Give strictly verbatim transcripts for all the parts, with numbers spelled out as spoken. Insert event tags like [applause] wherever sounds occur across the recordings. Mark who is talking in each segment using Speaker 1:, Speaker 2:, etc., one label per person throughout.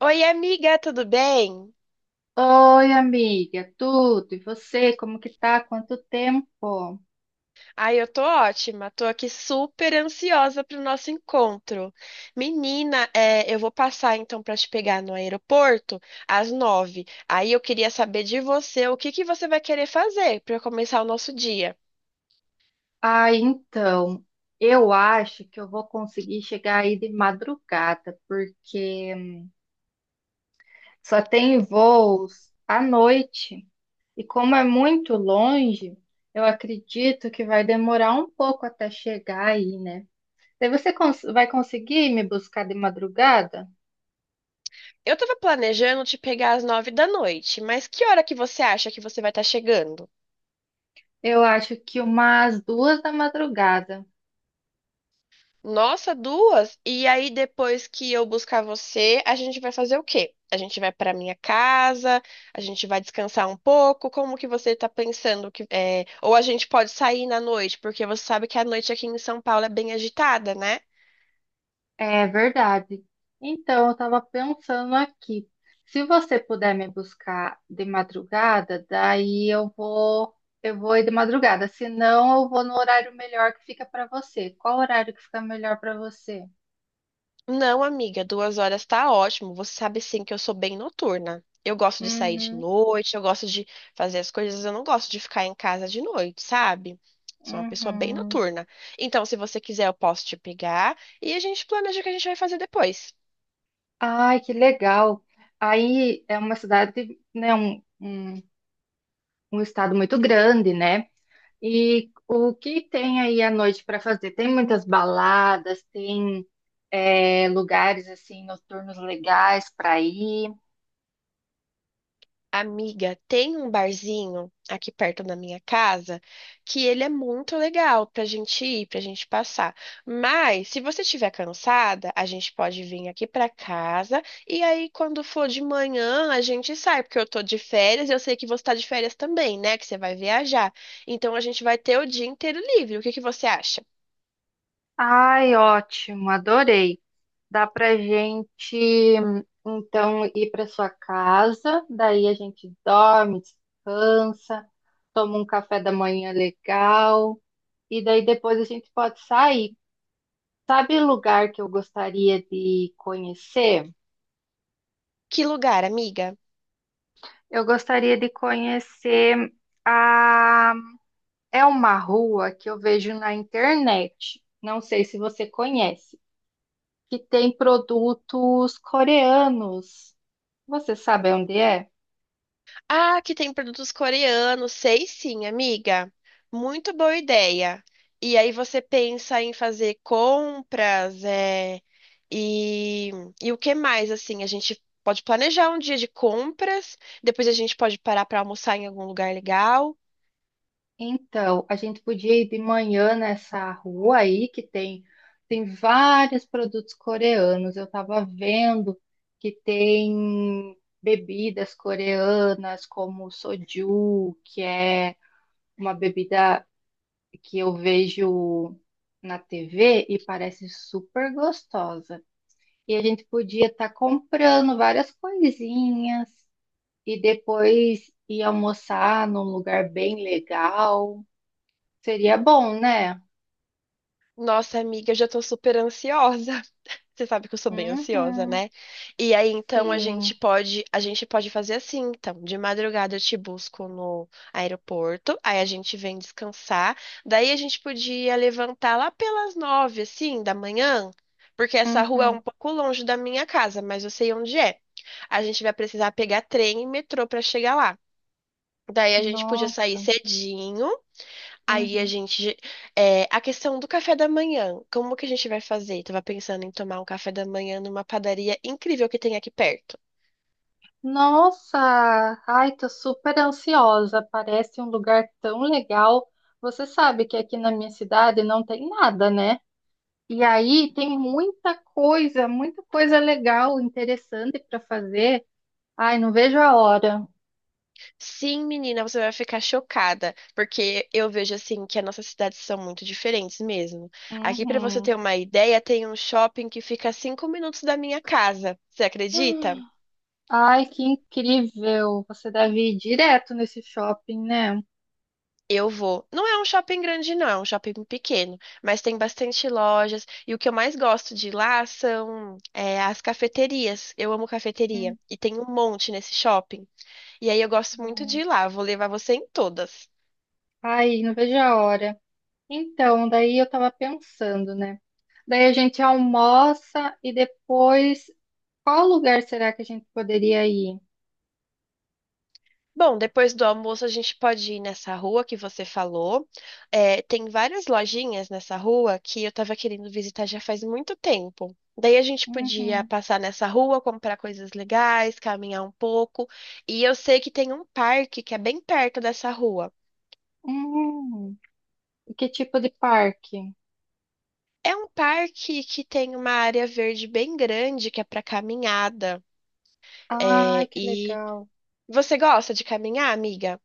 Speaker 1: Oi, amiga, tudo bem?
Speaker 2: Oi, amiga, tudo? E você, como que tá? Quanto tempo?
Speaker 1: Ai, eu tô ótima, tô aqui super ansiosa pro nosso encontro. Menina, é, eu vou passar então pra te pegar no aeroporto às nove. Aí eu queria saber de você o que que você vai querer fazer pra começar o nosso dia.
Speaker 2: Ah, então, eu acho que eu vou conseguir chegar aí de madrugada, porque só tem voos à noite. E como é muito longe, eu acredito que vai demorar um pouco até chegar aí, né? Daí você cons- vai conseguir me buscar de madrugada?
Speaker 1: Eu tava planejando te pegar às nove da noite, mas que hora que você acha que você vai estar chegando?
Speaker 2: Eu acho que umas duas da madrugada.
Speaker 1: Nossa, duas? E aí, depois que eu buscar você, a gente vai fazer o quê? A gente vai para minha casa, a gente vai descansar um pouco. Como que você tá pensando que é, ou a gente pode sair na noite, porque você sabe que a noite aqui em São Paulo é bem agitada, né?
Speaker 2: É verdade. Então, eu estava pensando aqui. Se você puder me buscar de madrugada, daí eu vou, eu vou ir de madrugada. Se não, eu vou no horário melhor que fica para você. Qual horário que fica melhor para você?
Speaker 1: Não, amiga, duas horas tá ótimo. Você sabe sim que eu sou bem noturna. Eu gosto de sair de
Speaker 2: Uhum,
Speaker 1: noite, eu gosto de fazer as coisas, eu não gosto de ficar em casa de noite, sabe? Sou uma pessoa bem
Speaker 2: uhum.
Speaker 1: noturna. Então, se você quiser, eu posso te pegar e a gente planeja o que a gente vai fazer depois.
Speaker 2: Ai, que legal. Aí é uma cidade, né, um, um, um estado muito grande, né? E o que tem aí à noite para fazer? Tem muitas baladas, tem é, lugares assim noturnos legais para ir.
Speaker 1: Amiga, tem um barzinho aqui perto da minha casa que ele é muito legal pra gente ir, pra gente passar. Mas se você estiver cansada, a gente pode vir aqui pra casa e aí quando for de manhã a gente sai, porque eu tô de férias e eu sei que você tá de férias também, né? Que você vai viajar. Então a gente vai ter o dia inteiro livre. O que que você acha?
Speaker 2: Ai, ótimo, adorei. Dá para gente então ir para sua casa, daí a gente dorme, descansa, toma um café da manhã legal e daí depois a gente pode sair. Sabe lugar que eu gostaria de conhecer?
Speaker 1: Que lugar, amiga?
Speaker 2: Eu gostaria de conhecer a. É uma rua que eu vejo na internet, não sei se você conhece, que tem produtos coreanos. Você sabe onde é?
Speaker 1: Ah, que tem produtos coreanos, sei sim, amiga. Muito boa ideia. E aí você pensa em fazer compras, é, e, e o que mais, assim, a gente pode planejar um dia de compras, depois a gente pode parar para almoçar em algum lugar legal.
Speaker 2: Então, a gente podia ir de manhã nessa rua aí que tem tem vários produtos coreanos. Eu estava vendo que tem bebidas coreanas como o soju, que é uma bebida que eu vejo na T V e parece super gostosa. E a gente podia estar comprando várias coisinhas e depois ir almoçar num lugar bem legal. Seria bom, né?
Speaker 1: Nossa, amiga, eu já tô super ansiosa. Você sabe que eu sou bem ansiosa,
Speaker 2: Uhum,
Speaker 1: né? E aí, então, a gente
Speaker 2: sim.
Speaker 1: pode, a gente pode fazer assim, então, de madrugada eu te busco no aeroporto, aí a gente vem descansar, daí a gente podia levantar lá pelas nove, assim, da manhã, porque essa rua é um
Speaker 2: Uhum.
Speaker 1: pouco longe da minha casa, mas eu sei onde é. A gente vai precisar pegar trem e metrô para chegar lá. Daí a gente podia sair
Speaker 2: Nossa.
Speaker 1: cedinho. Aí a
Speaker 2: Uhum.
Speaker 1: gente. É, a questão do café da manhã. Como que a gente vai fazer? Tava pensando em tomar um café da manhã numa padaria incrível que tem aqui perto.
Speaker 2: Nossa, ai, tô super ansiosa. Parece um lugar tão legal. Você sabe que aqui na minha cidade não tem nada, né? E aí tem muita coisa, muita coisa legal, interessante para fazer. Ai, não vejo a hora.
Speaker 1: Sim, menina, você vai ficar chocada, porque eu vejo assim que as nossas cidades são muito diferentes mesmo. Aqui, pra você
Speaker 2: Uhum.
Speaker 1: ter uma ideia, tem um shopping que fica a cinco minutos da minha casa. Você acredita?
Speaker 2: [gasps] Ai, que incrível! Você deve ir direto nesse shopping, né?
Speaker 1: Eu vou. Não é um shopping grande, não, é um shopping pequeno, mas tem bastante lojas. E o que eu mais gosto de ir lá são é, as cafeterias. Eu amo cafeteria. E tem um monte nesse shopping. E aí eu gosto muito de
Speaker 2: Uhum.
Speaker 1: ir lá. Vou levar você em todas.
Speaker 2: Ai, não vejo a hora. Então, daí eu tava pensando, né? Daí a gente almoça e depois, qual lugar será que a gente poderia ir?
Speaker 1: Bom, depois do almoço a gente pode ir nessa rua que você falou. É, tem várias lojinhas nessa rua que eu estava querendo visitar já faz muito tempo. Daí a gente podia
Speaker 2: Uhum.
Speaker 1: passar nessa rua, comprar coisas legais, caminhar um pouco. E eu sei que tem um parque que é bem perto dessa rua.
Speaker 2: Uhum. E que tipo de parque?
Speaker 1: É um parque que tem uma área verde bem grande que é para caminhada.
Speaker 2: Ai,
Speaker 1: É,
Speaker 2: que
Speaker 1: e
Speaker 2: legal!
Speaker 1: você gosta de caminhar, amiga?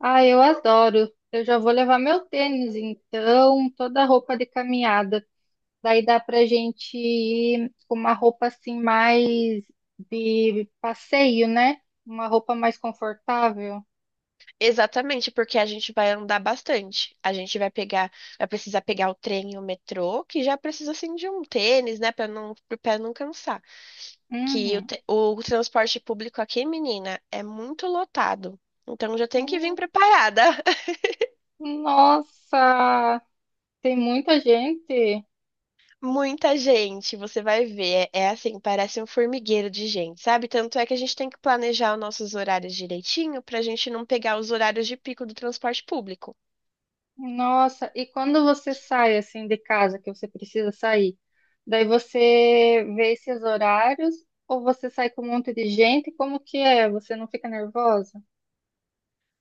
Speaker 2: Ah, eu adoro. Eu já vou levar meu tênis, então, toda a roupa de caminhada. Daí dá pra gente ir com uma roupa assim mais de passeio, né? Uma roupa mais confortável.
Speaker 1: Exatamente, porque a gente vai andar bastante. A gente vai pegar, vai precisar pegar o trem e o metrô, que já precisa assim de um tênis, né, para não, pro pé não cansar. Que o,
Speaker 2: Uhum.
Speaker 1: te- o transporte público aqui, menina, é muito lotado. Então já tem que vir
Speaker 2: Hum,
Speaker 1: preparada. [laughs]
Speaker 2: Nossa, tem muita gente.
Speaker 1: Muita gente, você vai ver. É, é assim, parece um formigueiro de gente, sabe? Tanto é que a gente tem que planejar os nossos horários direitinho para a gente não pegar os horários de pico do transporte público.
Speaker 2: Nossa, e quando você sai assim de casa, que você precisa sair, daí você vê esses horários ou você sai com um monte de gente? Como que é? Você não fica nervosa?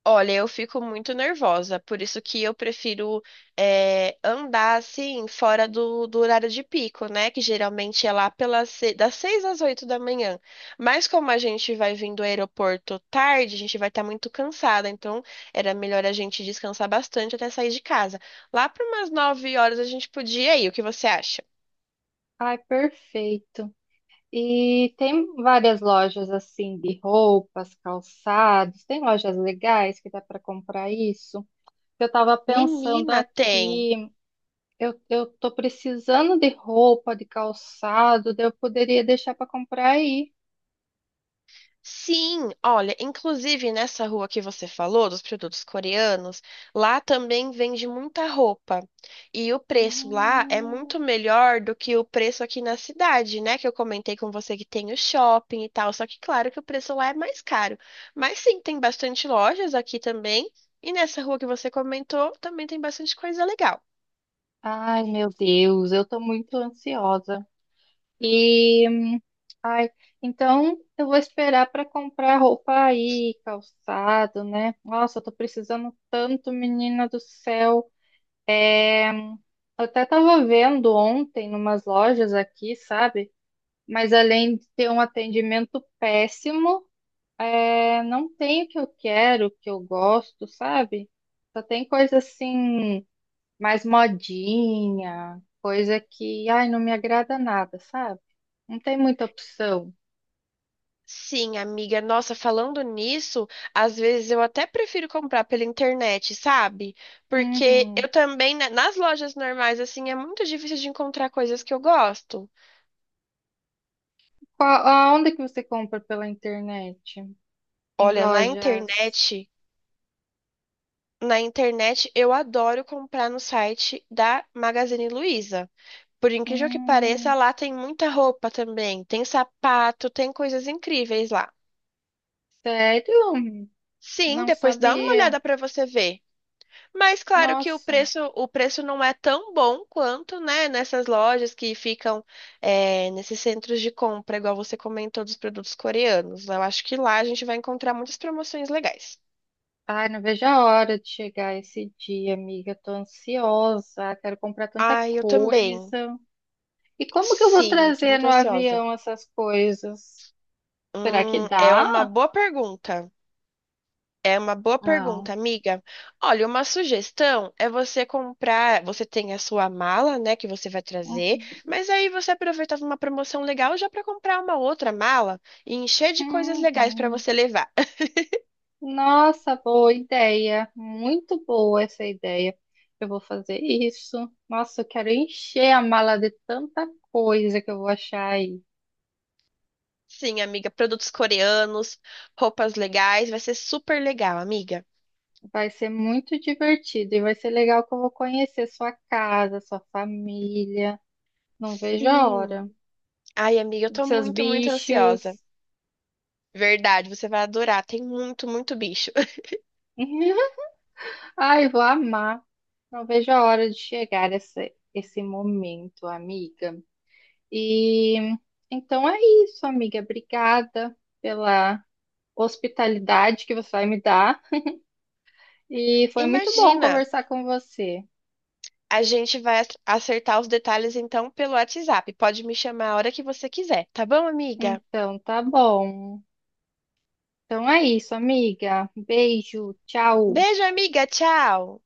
Speaker 1: Olha, eu fico muito nervosa, por isso que eu prefiro eh, andar assim fora do, do horário de pico, né? Que geralmente é lá pelas se- das seis às oito da manhã. Mas como a gente vai vindo do aeroporto tarde, a gente vai estar muito cansada, então era melhor a gente descansar bastante até sair de casa. Lá para umas nove horas a gente podia ir, o que você acha?
Speaker 2: Ai, perfeito. E tem várias lojas assim de roupas, calçados. Tem lojas legais que dá para comprar isso. Eu estava pensando
Speaker 1: Menina, tem.
Speaker 2: aqui, eu, eu tô precisando de roupa, de calçado, daí eu poderia deixar para comprar aí.
Speaker 1: Sim, olha, inclusive nessa rua que você falou, dos produtos coreanos, lá também vende muita roupa. E o preço lá é muito
Speaker 2: Hum.
Speaker 1: melhor do que o preço aqui na cidade, né? Que eu comentei com você que tem o shopping e tal. Só que, claro, que o preço lá é mais caro. Mas sim, tem bastante lojas aqui também. E nessa rua que você comentou, também tem bastante coisa legal.
Speaker 2: Ai, meu Deus, eu tô muito ansiosa. E, hum, ai, então eu vou esperar para comprar roupa aí, calçado, né? Nossa, eu tô precisando tanto, menina do céu. É, hum, eu até tava vendo ontem numas lojas aqui, sabe? Mas além de ter um atendimento péssimo, é, não tem o que eu quero, o que eu gosto, sabe? Só tem coisa assim mais modinha, coisa que, ai, não me agrada nada, sabe? Não tem muita opção.
Speaker 1: Sim, amiga. Nossa, falando nisso, às vezes eu até prefiro comprar pela internet, sabe? Porque eu
Speaker 2: Uhum.
Speaker 1: também, né, nas lojas normais, assim, é muito difícil de encontrar coisas que eu gosto.
Speaker 2: Qual, aonde que você compra pela internet? Em
Speaker 1: Olha, na
Speaker 2: lojas?
Speaker 1: internet, na internet eu adoro comprar no site da Magazine Luiza. Por incrível que pareça,
Speaker 2: Hum,
Speaker 1: lá tem muita roupa também, tem sapato, tem coisas incríveis lá.
Speaker 2: sério?
Speaker 1: Sim,
Speaker 2: Não
Speaker 1: depois dá uma
Speaker 2: sabia.
Speaker 1: olhada pra você ver. Mas claro que o
Speaker 2: Nossa.
Speaker 1: preço, o preço não é tão bom quanto, né, nessas lojas que ficam é, nesses centros de compra, igual você comentou dos produtos coreanos. Eu acho que lá a gente vai encontrar muitas promoções legais.
Speaker 2: Ai, não vejo a hora de chegar esse dia, amiga. Tô ansiosa, quero comprar tanta
Speaker 1: Ai, eu também.
Speaker 2: coisa. E como que eu vou
Speaker 1: Sim, eu tô
Speaker 2: trazer
Speaker 1: muito
Speaker 2: no
Speaker 1: ansiosa.
Speaker 2: avião essas coisas? Será que
Speaker 1: Hum, é
Speaker 2: dá?
Speaker 1: uma boa pergunta. É uma boa
Speaker 2: Não.
Speaker 1: pergunta, amiga. Olha, uma sugestão é você comprar. Você tem a sua mala, né, que você vai trazer,
Speaker 2: Uhum.
Speaker 1: mas aí você aproveitava uma promoção legal já para comprar uma outra mala e encher de coisas legais para
Speaker 2: Uhum.
Speaker 1: você levar. [laughs]
Speaker 2: Nossa, boa ideia. Muito boa essa ideia. Eu vou fazer isso. Nossa, eu quero encher a mala de tanta coisa que eu vou achar aí.
Speaker 1: Sim, amiga, produtos coreanos, roupas legais, vai ser super legal, amiga.
Speaker 2: Vai ser muito divertido e vai ser legal que eu vou conhecer sua casa, sua família. Não vejo a hora.
Speaker 1: Sim. Ai, amiga, eu tô
Speaker 2: Seus
Speaker 1: muito, muito ansiosa.
Speaker 2: bichos.
Speaker 1: Verdade, você vai adorar. Tem muito, muito bicho. [laughs]
Speaker 2: [laughs] Ai, vou amar. Não vejo a hora de chegar esse, esse momento, amiga. E então é isso, amiga. Obrigada pela hospitalidade que você vai me dar. E foi muito bom
Speaker 1: Imagina.
Speaker 2: conversar com você.
Speaker 1: A gente vai ac- acertar os detalhes então pelo WhatsApp. Pode me chamar a hora que você quiser, tá bom, amiga?
Speaker 2: Então, tá bom. Então é isso, amiga. Beijo, tchau.
Speaker 1: Beijo, amiga. Tchau.